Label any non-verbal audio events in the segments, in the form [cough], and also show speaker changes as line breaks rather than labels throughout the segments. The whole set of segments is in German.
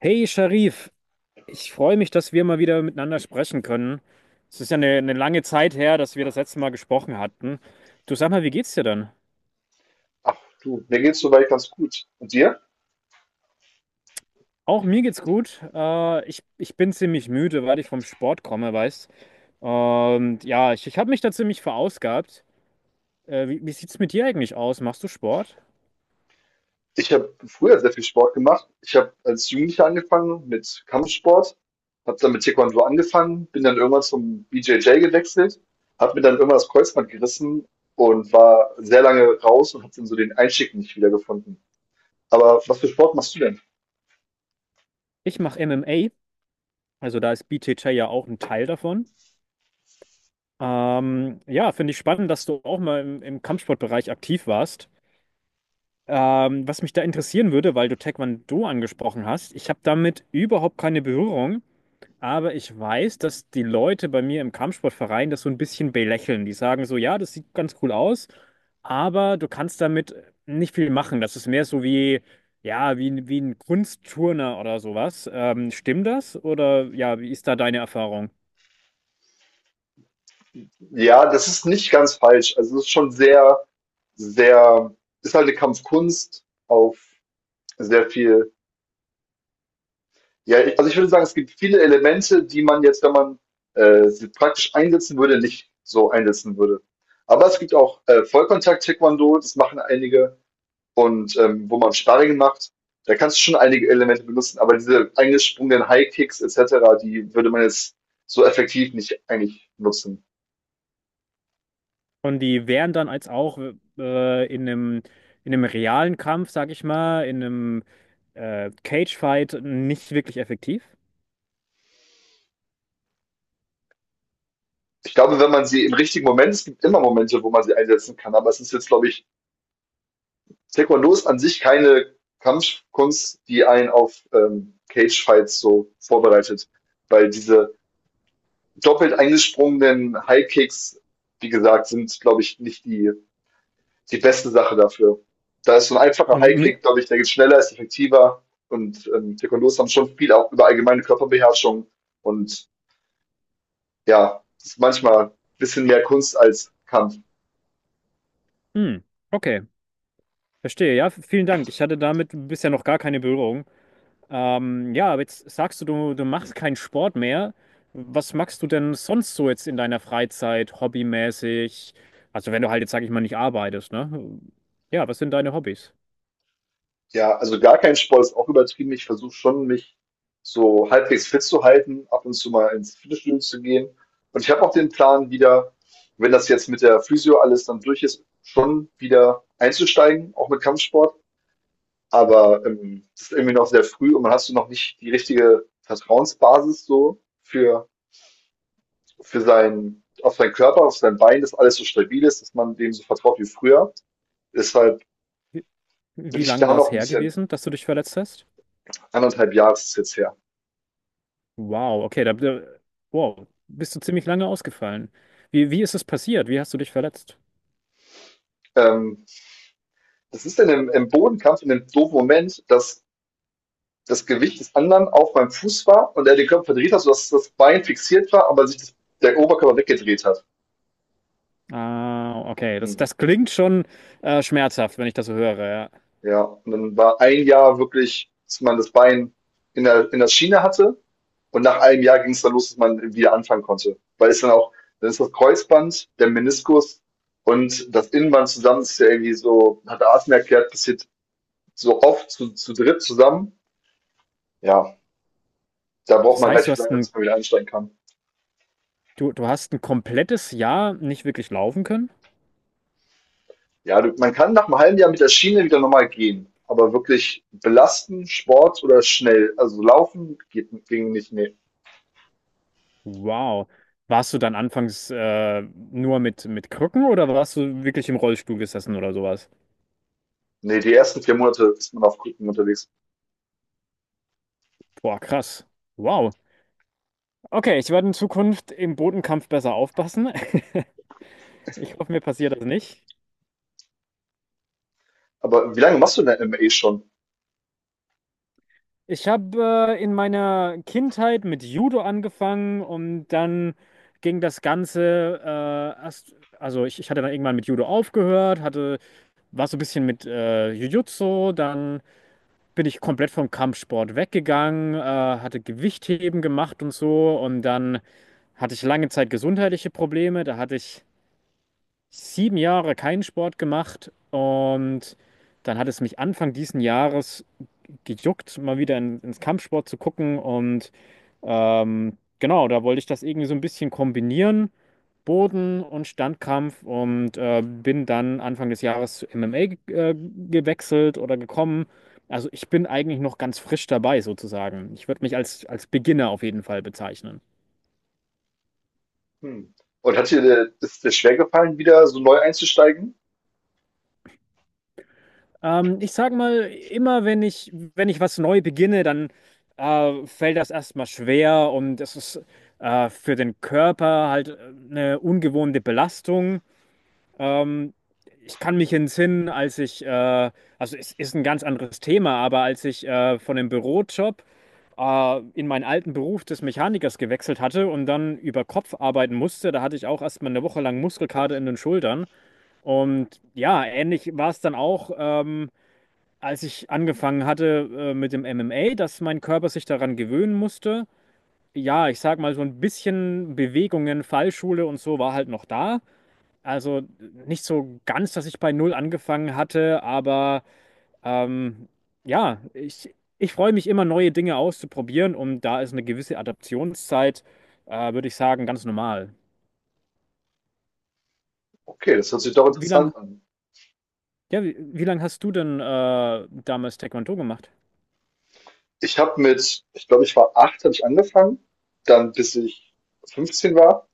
Hey Sharif, ich freue mich, dass wir mal wieder miteinander sprechen können. Es ist ja eine lange Zeit her, dass wir das letzte Mal gesprochen hatten. Du sag mal, wie geht's dir denn?
Ach du, mir geht's soweit ganz gut. Und dir?
Auch mir geht's gut. Ich bin ziemlich müde, weil ich vom Sport komme, weißt. Und ja, ich habe mich da ziemlich verausgabt. Wie sieht's mit dir eigentlich aus? Machst du Sport?
Ich habe früher sehr viel Sport gemacht. Ich habe als Jugendlicher angefangen mit Kampfsport, habe dann mit Taekwondo angefangen, bin dann irgendwann zum BJJ gewechselt, habe mir dann irgendwann das Kreuzband gerissen und war sehr lange raus und habe dann so den Einstieg nicht wiedergefunden. Aber was für Sport machst du denn?
Ich mache MMA, also da ist BJJ ja auch ein Teil davon. Ja, finde ich spannend, dass du auch mal im Kampfsportbereich aktiv warst. Was mich da interessieren würde, weil du Taekwondo angesprochen hast, ich habe damit überhaupt keine Berührung, aber ich weiß, dass die Leute bei mir im Kampfsportverein das so ein bisschen belächeln. Die sagen so, ja, das sieht ganz cool aus, aber du kannst damit nicht viel machen. Das ist mehr so wie, ja, wie, wie ein Kunstturner oder sowas. Stimmt das? Oder ja, wie ist da deine Erfahrung?
Ja, das ist nicht ganz falsch. Also es ist schon sehr, sehr, ist halt eine Kampfkunst auf sehr viel. Ja, also ich würde sagen, es gibt viele Elemente, die man jetzt, wenn man sie praktisch einsetzen würde, nicht so einsetzen würde. Aber es gibt auch Vollkontakt-Taekwondo, das machen einige, und wo man Sparring macht, da kannst du schon einige Elemente benutzen, aber diese eingesprungenen High-Kicks etc., die würde man jetzt so effektiv nicht eigentlich nutzen.
Und die wären dann als auch in in einem realen Kampf, sag ich mal, in einem Cage-Fight nicht wirklich effektiv.
Ich glaube, wenn man sie im richtigen Moment, es gibt immer Momente, wo man sie einsetzen kann, aber es ist jetzt, glaube ich, Taekwondo ist an sich keine Kampfkunst, die einen auf Cage-Fights so vorbereitet, weil diese doppelt eingesprungenen High-Kicks, wie gesagt, sind, glaube ich, nicht die, die beste Sache dafür. Da ist so ein einfacher
Hm,
High-Kick, glaube ich, der geht schneller, ist effektiver und Taekwondos haben schon viel auch über allgemeine Körperbeherrschung, und ja, das ist manchmal ein bisschen mehr Kunst als Kampf.
hm, okay, verstehe. Ja, vielen Dank. Ich hatte damit bisher noch gar keine Berührung. Ja, aber jetzt sagst du, du machst keinen Sport mehr. Was machst du denn sonst so jetzt in deiner Freizeit, hobbymäßig? Also wenn du halt jetzt, sag ich mal, nicht arbeitest, ne? Ja, was sind deine Hobbys?
Ja, also gar kein Sport ist auch übertrieben. Ich versuche schon, mich so halbwegs fit zu halten, ab und zu mal ins Fitnessstudio zu gehen. Und ich habe auch den Plan, wieder, wenn das jetzt mit der Physio alles dann durch ist, schon wieder einzusteigen, auch mit Kampfsport. Aber das ist irgendwie noch sehr früh und man hast du noch nicht die richtige Vertrauensbasis so für seinen, auf seinen Körper, auf sein Bein, dass alles so stabil ist, dass man dem so vertraut wie früher. Deshalb
Wie
bin
wie
ich
lang
da
war
noch
es
ein
her
bisschen,
gewesen, dass du dich verletzt hast?
anderthalb Jahre ist es jetzt her.
Wow, okay, da wow, bist du ziemlich lange ausgefallen. Wie ist es passiert? Wie hast du dich verletzt?
Ähm, Das ist dann im Bodenkampf in dem doofen Moment, dass das Gewicht des anderen auf meinem Fuß war und er den Körper verdreht hat, sodass das Bein fixiert war, aber sich das, der Oberkörper weggedreht hat.
Ah, okay, das,
Mhm.
das klingt schon schmerzhaft, wenn ich das so höre. Ja.
Ja, und dann war ein Jahr wirklich, dass man das Bein in der Schiene hatte und nach einem Jahr ging es dann los, dass man wieder anfangen konnte. Weil es dann auch, dann ist das Kreuzband, der Meniskus und das Innenband zusammen, das ist ja irgendwie so, hat Arten erklärt, passiert so oft zu dritt zusammen. Ja, da braucht
Das
man
heißt, du
relativ
hast
lange,
ein,
bis man wieder einsteigen kann.
du, du hast ein komplettes Jahr nicht wirklich laufen können?
Ja, du, man kann nach einem halben Jahr mit der Schiene wieder normal gehen, aber wirklich belasten, Sport oder schnell, also laufen geht, ging nicht, nee.
Wow. Warst du dann anfangs nur mit Krücken oder warst du wirklich im Rollstuhl gesessen oder sowas?
Nee, die ersten 4 Monate ist man auf Krücken unterwegs.
Boah, krass. Wow. Okay, ich werde in Zukunft im Bodenkampf besser aufpassen. [laughs] Ich hoffe, mir passiert das nicht.
Aber wie lange machst du denn MMA schon?
Ich habe in meiner Kindheit mit Judo angefangen und dann ging das Ganze erst, also ich hatte dann irgendwann mit Judo aufgehört, hatte, war so ein bisschen mit Jiu-Jitsu, dann bin ich komplett vom Kampfsport weggegangen, hatte Gewichtheben gemacht und so und dann hatte ich lange Zeit gesundheitliche Probleme, da hatte ich sieben Jahre keinen Sport gemacht und dann hat es mich Anfang diesen Jahres gejuckt, mal wieder ins Kampfsport zu gucken und genau, da wollte ich das irgendwie so ein bisschen kombinieren, Boden- und Standkampf und bin dann Anfang des Jahres zu MMA ge gewechselt oder gekommen. Also ich bin eigentlich noch ganz frisch dabei sozusagen. Ich würde mich als Beginner auf jeden Fall bezeichnen.
Hm. Und hat dir, ist dir schwer gefallen, wieder so neu einzusteigen?
Ich sag mal, immer wenn wenn ich was neu beginne, dann fällt das erstmal schwer und es ist für den Körper halt eine ungewohnte Belastung. Ähm, Ich kann mich entsinnen, als ich also es ist ein ganz anderes Thema, aber als ich von dem Bürojob in meinen alten Beruf des Mechanikers gewechselt hatte und dann über Kopf arbeiten musste, da hatte ich auch erstmal eine Woche lang Muskelkater in den Schultern. Und ja, ähnlich war es dann auch, als ich angefangen hatte mit dem MMA, dass mein Körper sich daran gewöhnen musste. Ja, ich sag mal, so ein bisschen Bewegungen, Fallschule und so war halt noch da. Also nicht so ganz, dass ich bei Null angefangen hatte, aber ähm, ja, ich freue mich immer, neue Dinge auszuprobieren und da ist eine gewisse Adaptionszeit, würde ich sagen, ganz normal.
Okay, das hört sich doch
Wie lang,
interessant an.
ja, wie lang hast du denn damals Taekwondo gemacht?
Ich habe mit, ich glaube, ich war acht, habe ich angefangen, dann bis ich 15 war.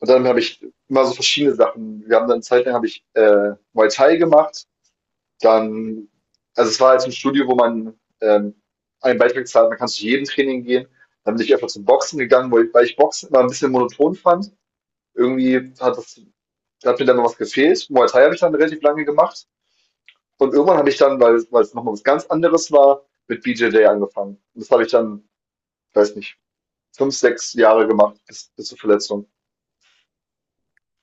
Und dann habe ich immer so verschiedene Sachen. Wir haben dann eine Zeit lang habe ich Muay Thai gemacht, dann, also es war halt so ein Studio, wo man, einen Beitrag zahlt, man kann zu jedem Training gehen. Dann bin ich einfach zum Boxen gegangen, weil ich Boxen immer ein bisschen monoton fand. Irgendwie hat das hat mir dann noch was gefehlt. Muay Thai habe ich dann relativ lange gemacht und irgendwann habe ich dann, weil's noch mal was ganz anderes war, mit BJJ angefangen. Und das habe ich dann, weiß nicht, 5, 6 Jahre gemacht bis zur Verletzung.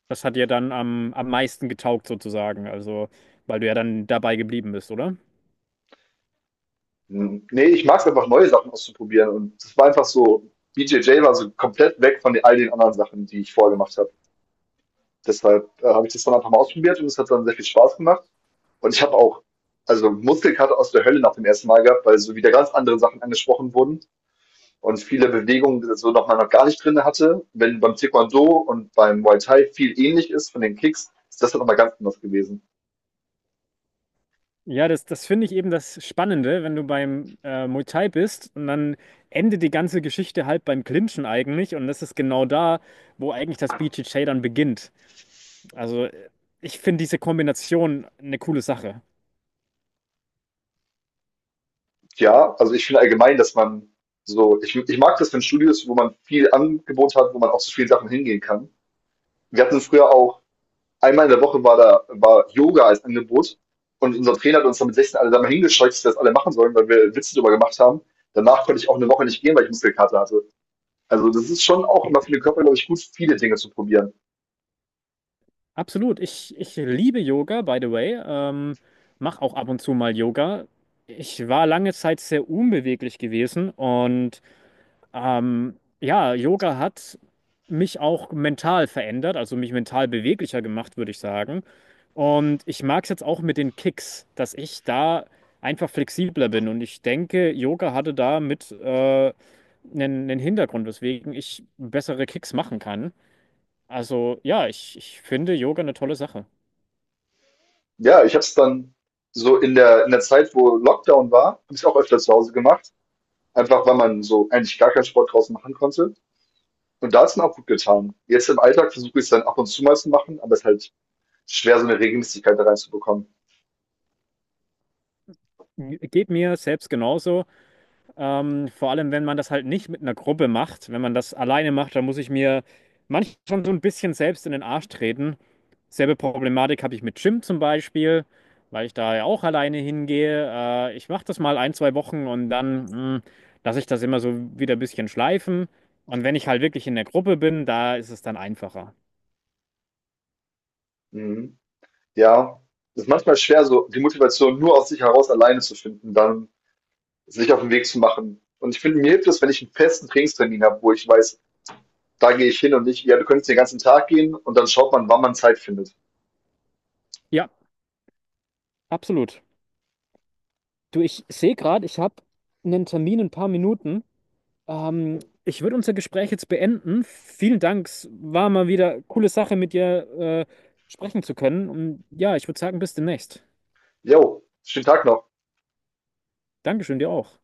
Das hat dir dann am meisten getaugt sozusagen, also weil du ja dann dabei geblieben bist, oder?
Hm, ne, ich mag es einfach, neue Sachen auszuprobieren, und das war einfach so, BJJ war so komplett weg von all den anderen Sachen, die ich vorher gemacht habe. Deshalb habe ich das dann einfach mal ausprobiert und es hat dann sehr viel Spaß gemacht. Und ich habe auch, also Muskelkater aus der Hölle nach dem ersten Mal gehabt, weil so wieder ganz andere Sachen angesprochen wurden und viele Bewegungen, die so nochmal noch gar nicht drinne hatte. Wenn beim Taekwondo und beim Muay Thai viel ähnlich ist von den Kicks, ist das dann nochmal ganz anders gewesen.
Ja, das finde ich eben das Spannende, wenn du beim Muay Thai bist und dann endet die ganze Geschichte halt beim Clinchen eigentlich und das ist genau da, wo eigentlich das BJJ dann beginnt. Also äh, Ich finde diese Kombination eine coole Sache.
Ja, also ich finde allgemein, dass man so, ich mag das, wenn Studios, wo man viel Angebot hat, wo man auch zu vielen Sachen hingehen kann. Wir hatten früher auch einmal in der Woche war da war Yoga als Angebot, und unser Trainer hat uns dann mit 16 alle da mal hingescheucht, dass wir das alle machen sollen, weil wir Witze drüber gemacht haben. Danach konnte ich auch eine Woche nicht gehen, weil ich Muskelkater hatte. Also das ist schon auch
Ja.
immer für den Körper, glaube ich, gut, viele Dinge zu probieren.
Absolut, ich liebe Yoga, by the way. Mache auch ab und zu mal Yoga. Ich war lange Zeit sehr unbeweglich gewesen und ja, Yoga hat mich auch mental verändert, also mich mental beweglicher gemacht, würde ich sagen. Und ich mag es jetzt auch mit den Kicks, dass ich da einfach flexibler bin. Und ich denke, Yoga hatte da mit einen Hintergrund, weswegen ich bessere Kicks machen kann. Also ja, ich finde Yoga eine tolle Sache.
Ja, ich habe es dann so in der Zeit, wo Lockdown war, habe ich es auch öfter zu Hause gemacht. Einfach weil man so eigentlich gar keinen Sport draußen machen konnte. Und da hat es dann auch gut getan. Jetzt im Alltag versuche ich es dann ab und zu mal zu machen, aber es ist halt schwer, so eine Regelmäßigkeit da reinzubekommen.
Geht mir selbst genauso. Vor allem, wenn man das halt nicht mit einer Gruppe macht, wenn man das alleine macht, dann muss ich mir manchmal schon so ein bisschen selbst in den Arsch treten. Selbe Problematik habe ich mit Gym zum Beispiel, weil ich da ja auch alleine hingehe. Ich mache das mal ein, zwei Wochen und lasse ich das immer so wieder ein bisschen schleifen. Und wenn ich halt wirklich in der Gruppe bin, da ist es dann einfacher.
Mhm. Ja, es ist manchmal schwer, so die Motivation nur aus sich heraus alleine zu finden, dann sich auf den Weg zu machen. Und ich finde, mir hilft es, wenn ich einen festen Trainingstermin habe, wo ich weiß, da gehe ich hin und nicht, ja, du könntest den ganzen Tag gehen und dann schaut man, wann man Zeit findet.
Ja, absolut. Du, ich sehe gerade, ich habe einen Termin in ein paar Minuten. Ähm, Ich würde unser Gespräch jetzt beenden. Vielen Dank. Es war mal wieder coole Sache, mit dir äh, sprechen zu können. Und ja, ich würde sagen, bis demnächst.
Jo, schönen Tag noch.
Dankeschön, dir auch.